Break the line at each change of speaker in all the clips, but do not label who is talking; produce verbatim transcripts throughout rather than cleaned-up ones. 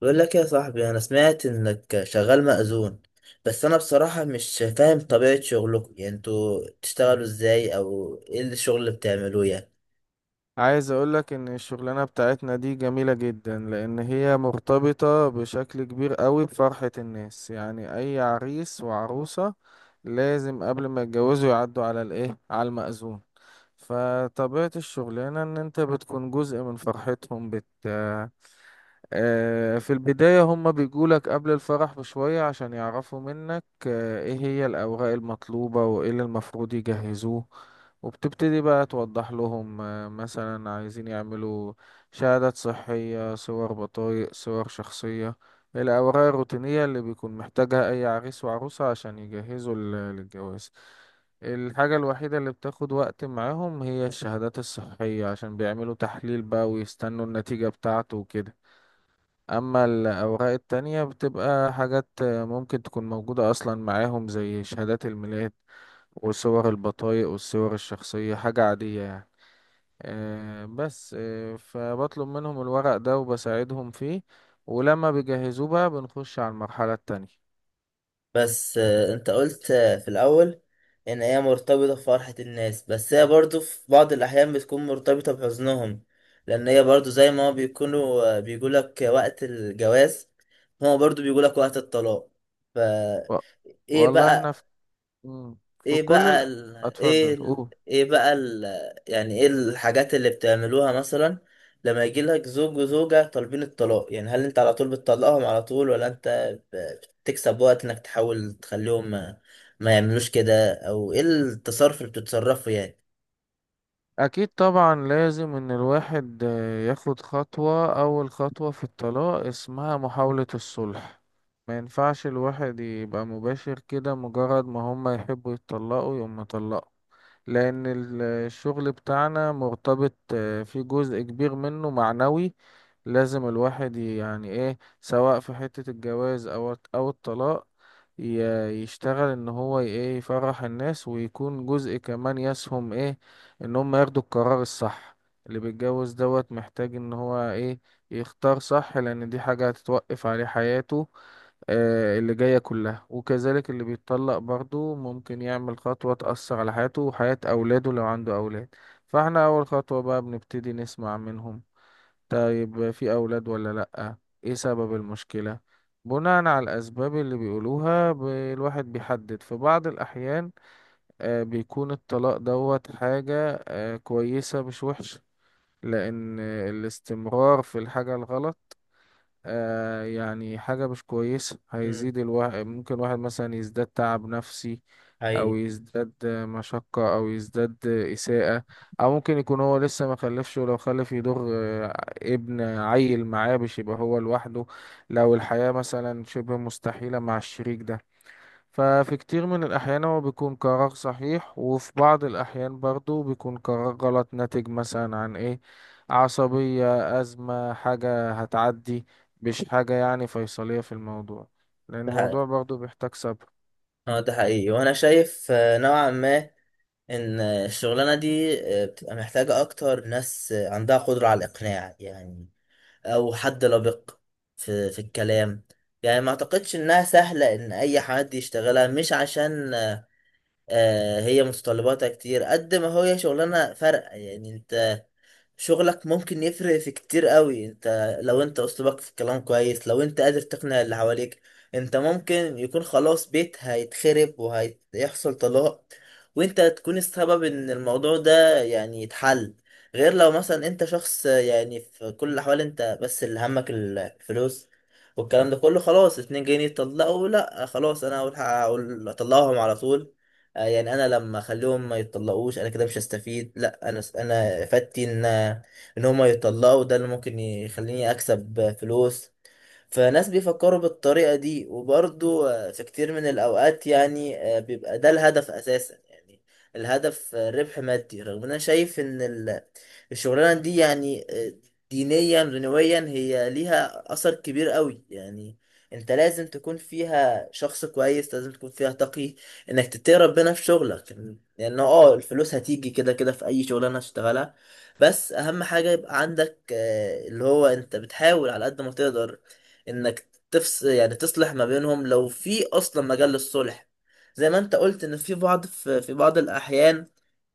بقول لك يا صاحبي، انا سمعت انك شغال مأذون. بس انا بصراحة مش فاهم طبيعة شغلكم، يعني انتوا بتشتغلوا ازاي او ايه الشغل اللي بتعملوه يعني؟
عايز اقولك ان الشغلانة بتاعتنا دي جميلة جدا لان هي مرتبطة بشكل كبير قوي بفرحة الناس. يعني اي عريس وعروسة لازم قبل ما يتجوزوا يعدوا على الايه، على المأذون. فطبيعة الشغلانة ان انت بتكون جزء من فرحتهم. بت آه، في البداية هما بيجولك قبل الفرح بشوية عشان يعرفوا منك آه، ايه هي الأوراق المطلوبة وايه اللي المفروض يجهزوه. وبتبتدي بقى توضح لهم، آه، مثلا عايزين يعملوا شهادات صحية، صور بطايق، صور شخصية، الأوراق الروتينية اللي بيكون محتاجها أي عريس وعروسة عشان يجهزوا لل- للجواز. الحاجة الوحيدة اللي بتاخد وقت معاهم هي الشهادات الصحية، عشان بيعملوا تحليل بقى ويستنوا النتيجة بتاعته وكده. اما الاوراق التانية بتبقى حاجات ممكن تكون موجودة اصلا معاهم، زي شهادات الميلاد وصور البطايق والصور الشخصية، حاجة عادية يعني. آه، بس آه، فبطلب منهم الورق ده وبساعدهم فيه، ولما بيجهزوه بقى بنخش على المرحلة التانية.
بس آه، انت قلت آه، في الاول ان هي مرتبطة بفرحة الناس، بس هي برضو في بعض الاحيان بتكون مرتبطة بحزنهم، لان هي برضو زي ما هو بيكونوا آه، بيقولك وقت الجواز، هما برضو بيقولك وقت الطلاق. ف
و-
ايه
والله احنا
بقى؟
في, مم، في
ايه
كل
بقى
ال...
ال... ايه
اتفضل
ال...
قول.
ايه بقى ال... يعني ايه الحاجات اللي بتعملوها مثلا لما يجي لك زوج وزوجة طالبين الطلاق؟ يعني هل انت على طول بتطلقهم على طول، ولا انت ب- بتكسب وقت انك تحاول تخليهم ما, ما يعملوش كده، او ايه التصرف اللي بتتصرفه يعني؟
أكيد طبعا لازم إن الواحد آه، ياخد خطوة، أول خطوة في الطلاق اسمها محاولة الصلح. ما ينفعش الواحد يبقى مباشر كده، مجرد ما هما يحبوا يتطلقوا يقوم مطلقه. لأن ال- الشغل بتاعنا مرتبط آه، في جزء كبير منه معنوي. لازم الواحد ي- يعني ايه، سواء في حتة الجواز أو أو الطلاق، ي- يشتغل ان هو ي- ايه، يفرح الناس ويكون جزء كمان يسهم ايه، ان هم ياخدوا القرار الصح. اللي بيتجوز دوت محتاج ان هو ايه، يختار صح، لان دي حاجة هتتوقف عليه حياته آه، اللي جاية كلها. وكذلك اللي بيتطلق برضو ممكن يعمل خطوة تأثر على حياته وحياة أولاده لو عنده أولاد. فاحنا أول خطوة بقى بنبتدي نسمع منهم، طيب في أولاد ولا لأ، إيه سبب المشكلة. بناء على الأسباب اللي بيقولوها ب- الواحد بيحدد. في بعض الأحيان آه، بيكون الطلاق دوت حاجة آه، كويسة مش وحشة، لأن الاستمرار في الحاجة الغلط آه، يعني حاجة مش كويسة،
امم،
هيزيد الواحد. ممكن واحد مثلا يزداد تعب نفسي، أو
حقيقي.
يزداد مشقة، أو يزداد إساءة، أو ممكن يكون هو لسه ما خلفش. ولو خلف يضر آه، ابن عيل معاه، مش يبقى هو لوحده لو الحياة مثلا شبه مستحيلة مع الشريك ده. ففي كتير من الأحيان هو بيكون قرار صحيح، وفي بعض الأحيان برضو بيكون قرار غلط ناتج مثلا عن إيه، عصبية، أزمة، حاجة هتعدي، مش حاجة يعني فيصلية في الموضوع. لأن
ده حقيقي،
الموضوع برضو بيحتاج صبر.
اه ده حقيقي. وانا شايف آه، نوعا ما ان الشغلانة دي آه، بتبقى محتاجة اكتر ناس آه، عندها قدرة على الاقناع يعني، او حد لبق في في الكلام. يعني ما اعتقدش انها سهلة ان اي حد يشتغلها، مش عشان آه، هي متطلباتها كتير، قد ما هي شغلانة فرق. يعني انت شغلك ممكن يفرق في كتير قوي، انت لو انت اسلوبك في الكلام كويس، لو انت قادر تقنع اللي حواليك، انت ممكن يكون خلاص بيت هيتخرب وهيحصل طلاق، وانت تكون السبب ان الموضوع ده يعني يتحل. غير لو مثلا انت شخص، يعني في كل الاحوال انت بس اللي همك الفلوس والكلام ده كله، خلاص اتنين جايين يتطلقوا، لا خلاص انا هقول هقول- اطلقهم على طول. آه، يعني انا لما اخليهم ما يتطلقوش انا كده مش هستفيد، لا انا انا افادتي ان ان هم يتطلقوا، ده اللي ممكن يخليني اكسب فلوس. فناس بيفكروا بالطريقة دي، وبرضو آه، في كتير من الأوقات يعني آه، بيبقى ده الهدف أساسا، يعني الهدف آه، ربح مادي. رغم إن أنا شايف إن ال- الشغلانة دي يعني آه، دينيا دنيويا هي ليها أثر كبير قوي يعني. انت لازم تكون فيها شخص كويس، لازم تكون فيها تقي، انك تتقي ربنا في شغلك. لان اه الفلوس هتيجي كده كده في اي شغلانه هتشتغلها، بس اهم حاجه يبقى عندك آه، اللي هو انت بتحاول على قد ما تقدر انك تفس يعني تصلح ما بينهم، لو في اصلا مجال للصلح. زي ما انت قلت ان في بعض في, في بعض الاحيان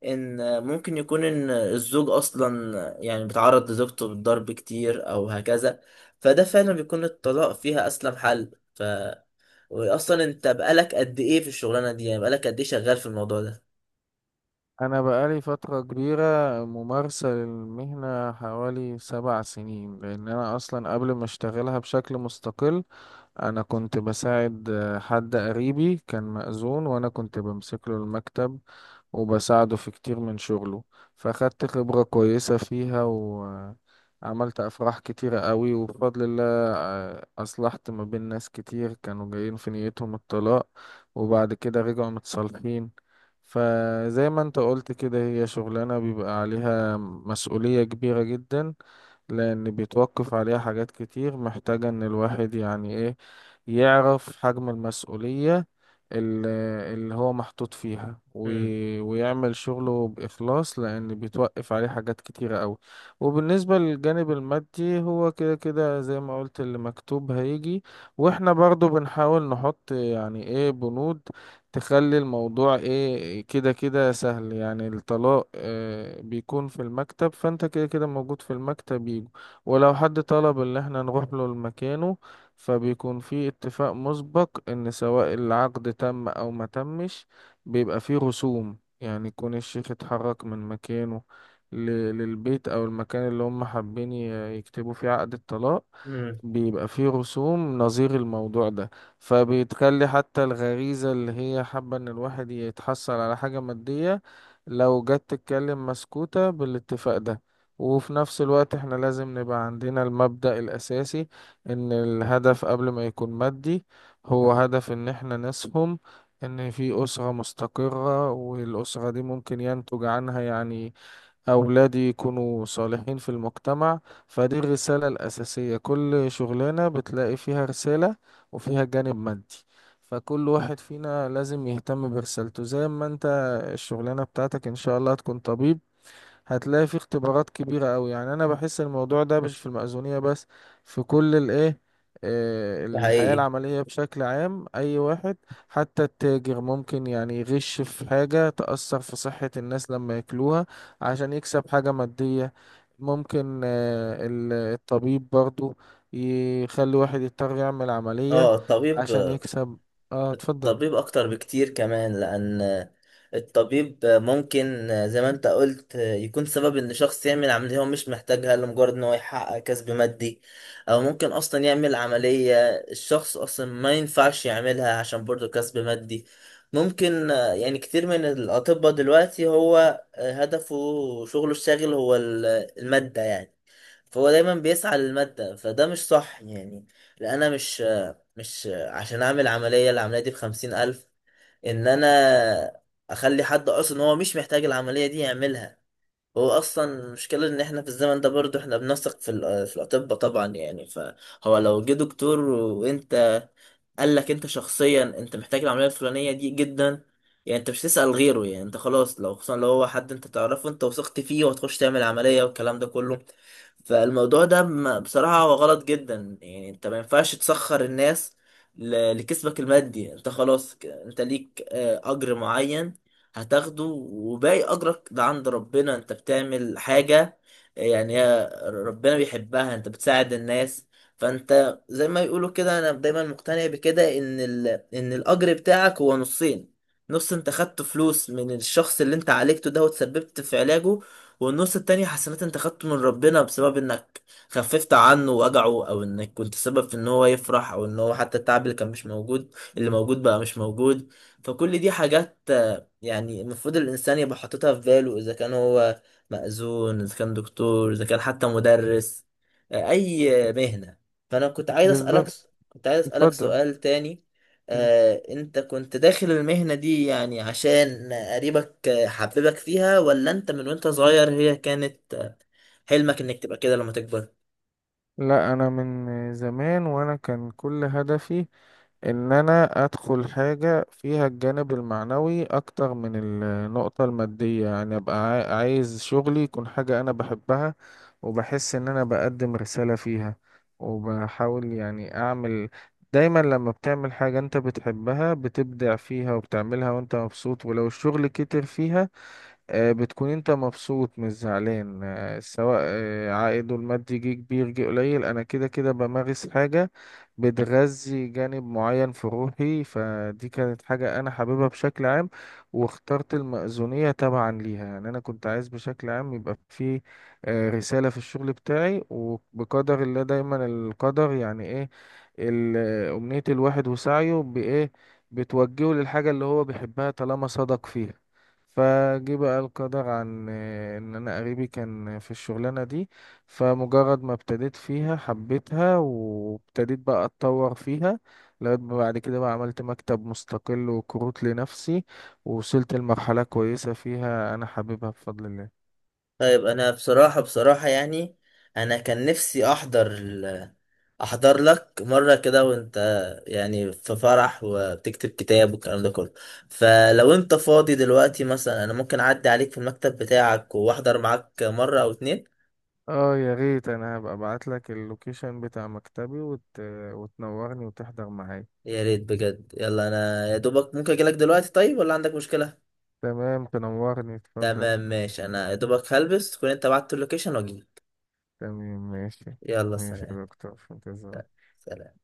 ان ممكن يكون ان الزوج اصلا يعني بيتعرض لزوجته بالضرب كتير او هكذا، فده فعلا بيكون الطلاق فيها اسلم حل. ف واصلا انت بقالك قد ايه في الشغلانه دي؟ يعني بقالك قد ايه شغال في الموضوع ده؟
أنا بقالي فترة كبيرة ممارسة للمهنة، حوالي سبع سنين. لأن أنا أصلا قبل ما أشتغلها بشكل مستقل، أنا كنت بساعد آه، حد قريبي كان مأذون، وأنا كنت بمسك له المكتب وبساعده في كتير من شغله. فأخدت خبرة كويسة فيها، وعملت أفراح كتيرة قوي، وبفضل الله آه، أصلحت ما بين ناس كتير كانوا جايين في نيتهم الطلاق، وبعد كده رجعوا متصالحين. فزي ما انت قلت كده، هي شغلانة بيبقى عليها مسؤولية كبيرة جدا، لأن بيتوقف عليها حاجات كتير. محتاجة إن الواحد يعني إيه، يعرف حجم المسؤولية ال- اللي هو محطوط فيها،
امم.
وي- ويعمل شغله بإخلاص، لأن بيتوقف عليه حاجات كتيرة أوي. وبالنسبة للجانب المادي، هو كده كده زي ما قلت، اللي مكتوب هيجي. وإحنا برضو بنحاول نحط يعني إيه، بنود تخلي الموضوع إيه كده كده سهل. يعني الطلاق آه، بيكون في المكتب، فأنت كده كده موجود في المكتب يجي. ولو حد طلب اللي إحنا نروح له لمكانه، فبيكون في اتفاق مسبق ان سواء العقد تم او ما تمش، بيبقى فيه رسوم، يعني يكون الشيخ اتحرك من مكانه ل- للبيت او المكان اللي هم حابين ي- يكتبوا فيه عقد الطلاق،
امم،
بيبقى فيه رسوم نظير الموضوع ده. فبتخلي حتى الغريزة اللي هي حابة ان الواحد يتحصل على حاجة مادية لو جت تتكلم مسكوتة بالاتفاق ده. وفي نفس الوقت احنا لازم نبقى عندنا المبدأ الأساسي، ان الهدف قبل ما يكون مادي، هو هدف ان احنا نسهم ان في أسرة مستقرة، والأسرة دي ممكن ينتج عنها يعني أولادي يكونوا صالحين في المجتمع. فدي الرسالة الأساسية، كل شغلانة بتلاقي فيها رسالة وفيها جانب مادي. فكل واحد فينا لازم يهتم برسالته. زي ما انت الشغلانة بتاعتك ان شاء الله هتكون طبيب، هتلاقي فيه اختبارات كبيرة قوي. يعني انا بحس الموضوع ده مش في المأذونية بس، في كل الايه آه،
ده
الحياة
حقيقي.
العملية بشكل عام. أي واحد، حتى التاجر ممكن يعني يغش في حاجة تأثر في صحة الناس لما ياكلوها عشان يكسب حاجة مادية. ممكن آه، ال- الطبيب برضو يخلي واحد يضطر يعمل عملية
اه الطبيب،
عشان يكسب. اه اتفضل.
طبيب أكتر بكتير كمان. لأن الطبيب ممكن زي ما أنت قلت يكون سبب إن شخص يعمل عملية هو مش محتاجها، لمجرد إن هو يحقق كسب مادي. أو ممكن أصلا يعمل عملية الشخص أصلا ما ينفعش يعملها، عشان برضه كسب مادي. ممكن يعني كتير من الأطباء دلوقتي هو هدفه، شغله الشاغل هو المادة يعني، فهو دايما بيسعى للمادة، فده مش صح يعني. لأن أنا مش مش عشان اعمل عملية، العملية دي بخمسين الف، ان انا اخلي حد اصلا هو مش محتاج العملية دي يعملها. هو اصلا المشكله ان احنا في الزمن ده برضو احنا بنثق في ال- في الاطباء طبعا يعني. فهو لو جه دكتور، وانت قال لك انت شخصيا انت محتاج العمليه الفلانيه دي جدا، يعني انت مش تسال غيره، يعني انت خلاص، لو خصوصا لو هو حد انت تعرفه، انت وثقت فيه، وهتخش تعمل عمليه والكلام ده كله. فالموضوع ده م- بصراحه هو غلط جدا يعني. انت ما ينفعش تسخر الناس ل- لكسبك المادي. انت خلاص ك- انت ليك آه، اجر معين هتاخده، وباقي أجرك ده عند ربنا. أنت بتعمل حاجة يعني هي ربنا بيحبها، أنت بتساعد الناس. فأنت زي ما يقولوا كده، أنا دايما مقتنع بكده إن ال... إن الأجر بتاعك هو نصين: نص أنت خدت فلوس من الشخص اللي أنت عالجته ده وتسببت في علاجه، والنص التاني حسنات أنت خدته من ربنا بسبب إنك خففت عنه وجعه، أو إنك كنت سبب في إن هو يفرح، أو إن هو حتى التعب اللي كان مش موجود اللي موجود بقى مش موجود. فكل دي حاجات يعني المفروض الإنسان يبقى حاططها في باله، إذا كان هو مأذون، إذا كان دكتور، إذا كان حتى مدرس، آه، أي مهنة. فأنا كنت عايز أسألك،
بالظبط.
كنت عايز أسألك
اتفضل.
سؤال تاني.
مم.
آه، أنت كنت داخل المهنة دي يعني عشان قريبك آه، حببك فيها، ولا أنت من وأنت صغير هي كانت آه، حلمك إنك تبقى كده لما تكبر؟
لا، انا من زمان وانا كان كل هدفي ان انا ادخل حاجة فيها الجانب المعنوي اكتر من النقطة المادية. يعني ابقى عا- عايز شغلي يكون حاجة انا بحبها، وبحس ان انا بقدم رسالة فيها، وبحاول يعني اعمل. دايما لما بتعمل حاجة انت بتحبها بتبدع فيها وبتعملها وانت مبسوط، ولو الشغل كتر فيها آه، بتكون انت مبسوط مش زعلان. آه، سواء آه، عائده المادي جه كبير جه قليل، انا كده كده بمارس حاجة بتغذي جانب معين في روحي. فدي كانت حاجة انا حاببها بشكل عام، واخترت المأذونية تبعا ليها. يعني انا كنت عايز بشكل عام يبقى في آه، رسالة في الشغل بتاعي، وبقدر الله دايما القدر يعني ايه ال- آه، أمنية الواحد وسعيه بإيه بتوجهه للحاجة اللي هو بيحبها طالما صدق فيها. فجه بقى القدر عن آه، ان انا قريبي كان في الشغلانه دي، فمجرد ما ابتديت فيها حبيتها، وابتديت بقى اتطور فيها لغايه ما بعد كده بقى عملت مكتب مستقل وكروت لنفسي، ووصلت لمرحله كويسه فيها انا حاببها بفضل الله.
طيب انا بصراحة بصراحة يعني انا كان نفسي احضر ال... احضر لك مرة كده وانت يعني في فرح وبتكتب كتاب والكلام ده كله. فلو انت فاضي دلوقتي مثلا، انا ممكن اعدي عليك في المكتب بتاعك واحضر معاك مرة او اتنين.
اه يا ريت، انا هبقى ابعت لك اللوكيشن بتاع مكتبي وت... وتنورني وتحضر معايا.
يا ريت بجد. يلا انا يا دوبك ممكن اجيلك دلوقتي طيب، ولا عندك مشكلة؟
تمام تنورني، اتفضل.
تمام ماشي، انا يا دوبك هلبس تكون انت بعت اللوكيشن واجيلك.
تمام ماشي.
يلا
ماشي
سلام.
يا دكتور، في انتظارك.
سلام.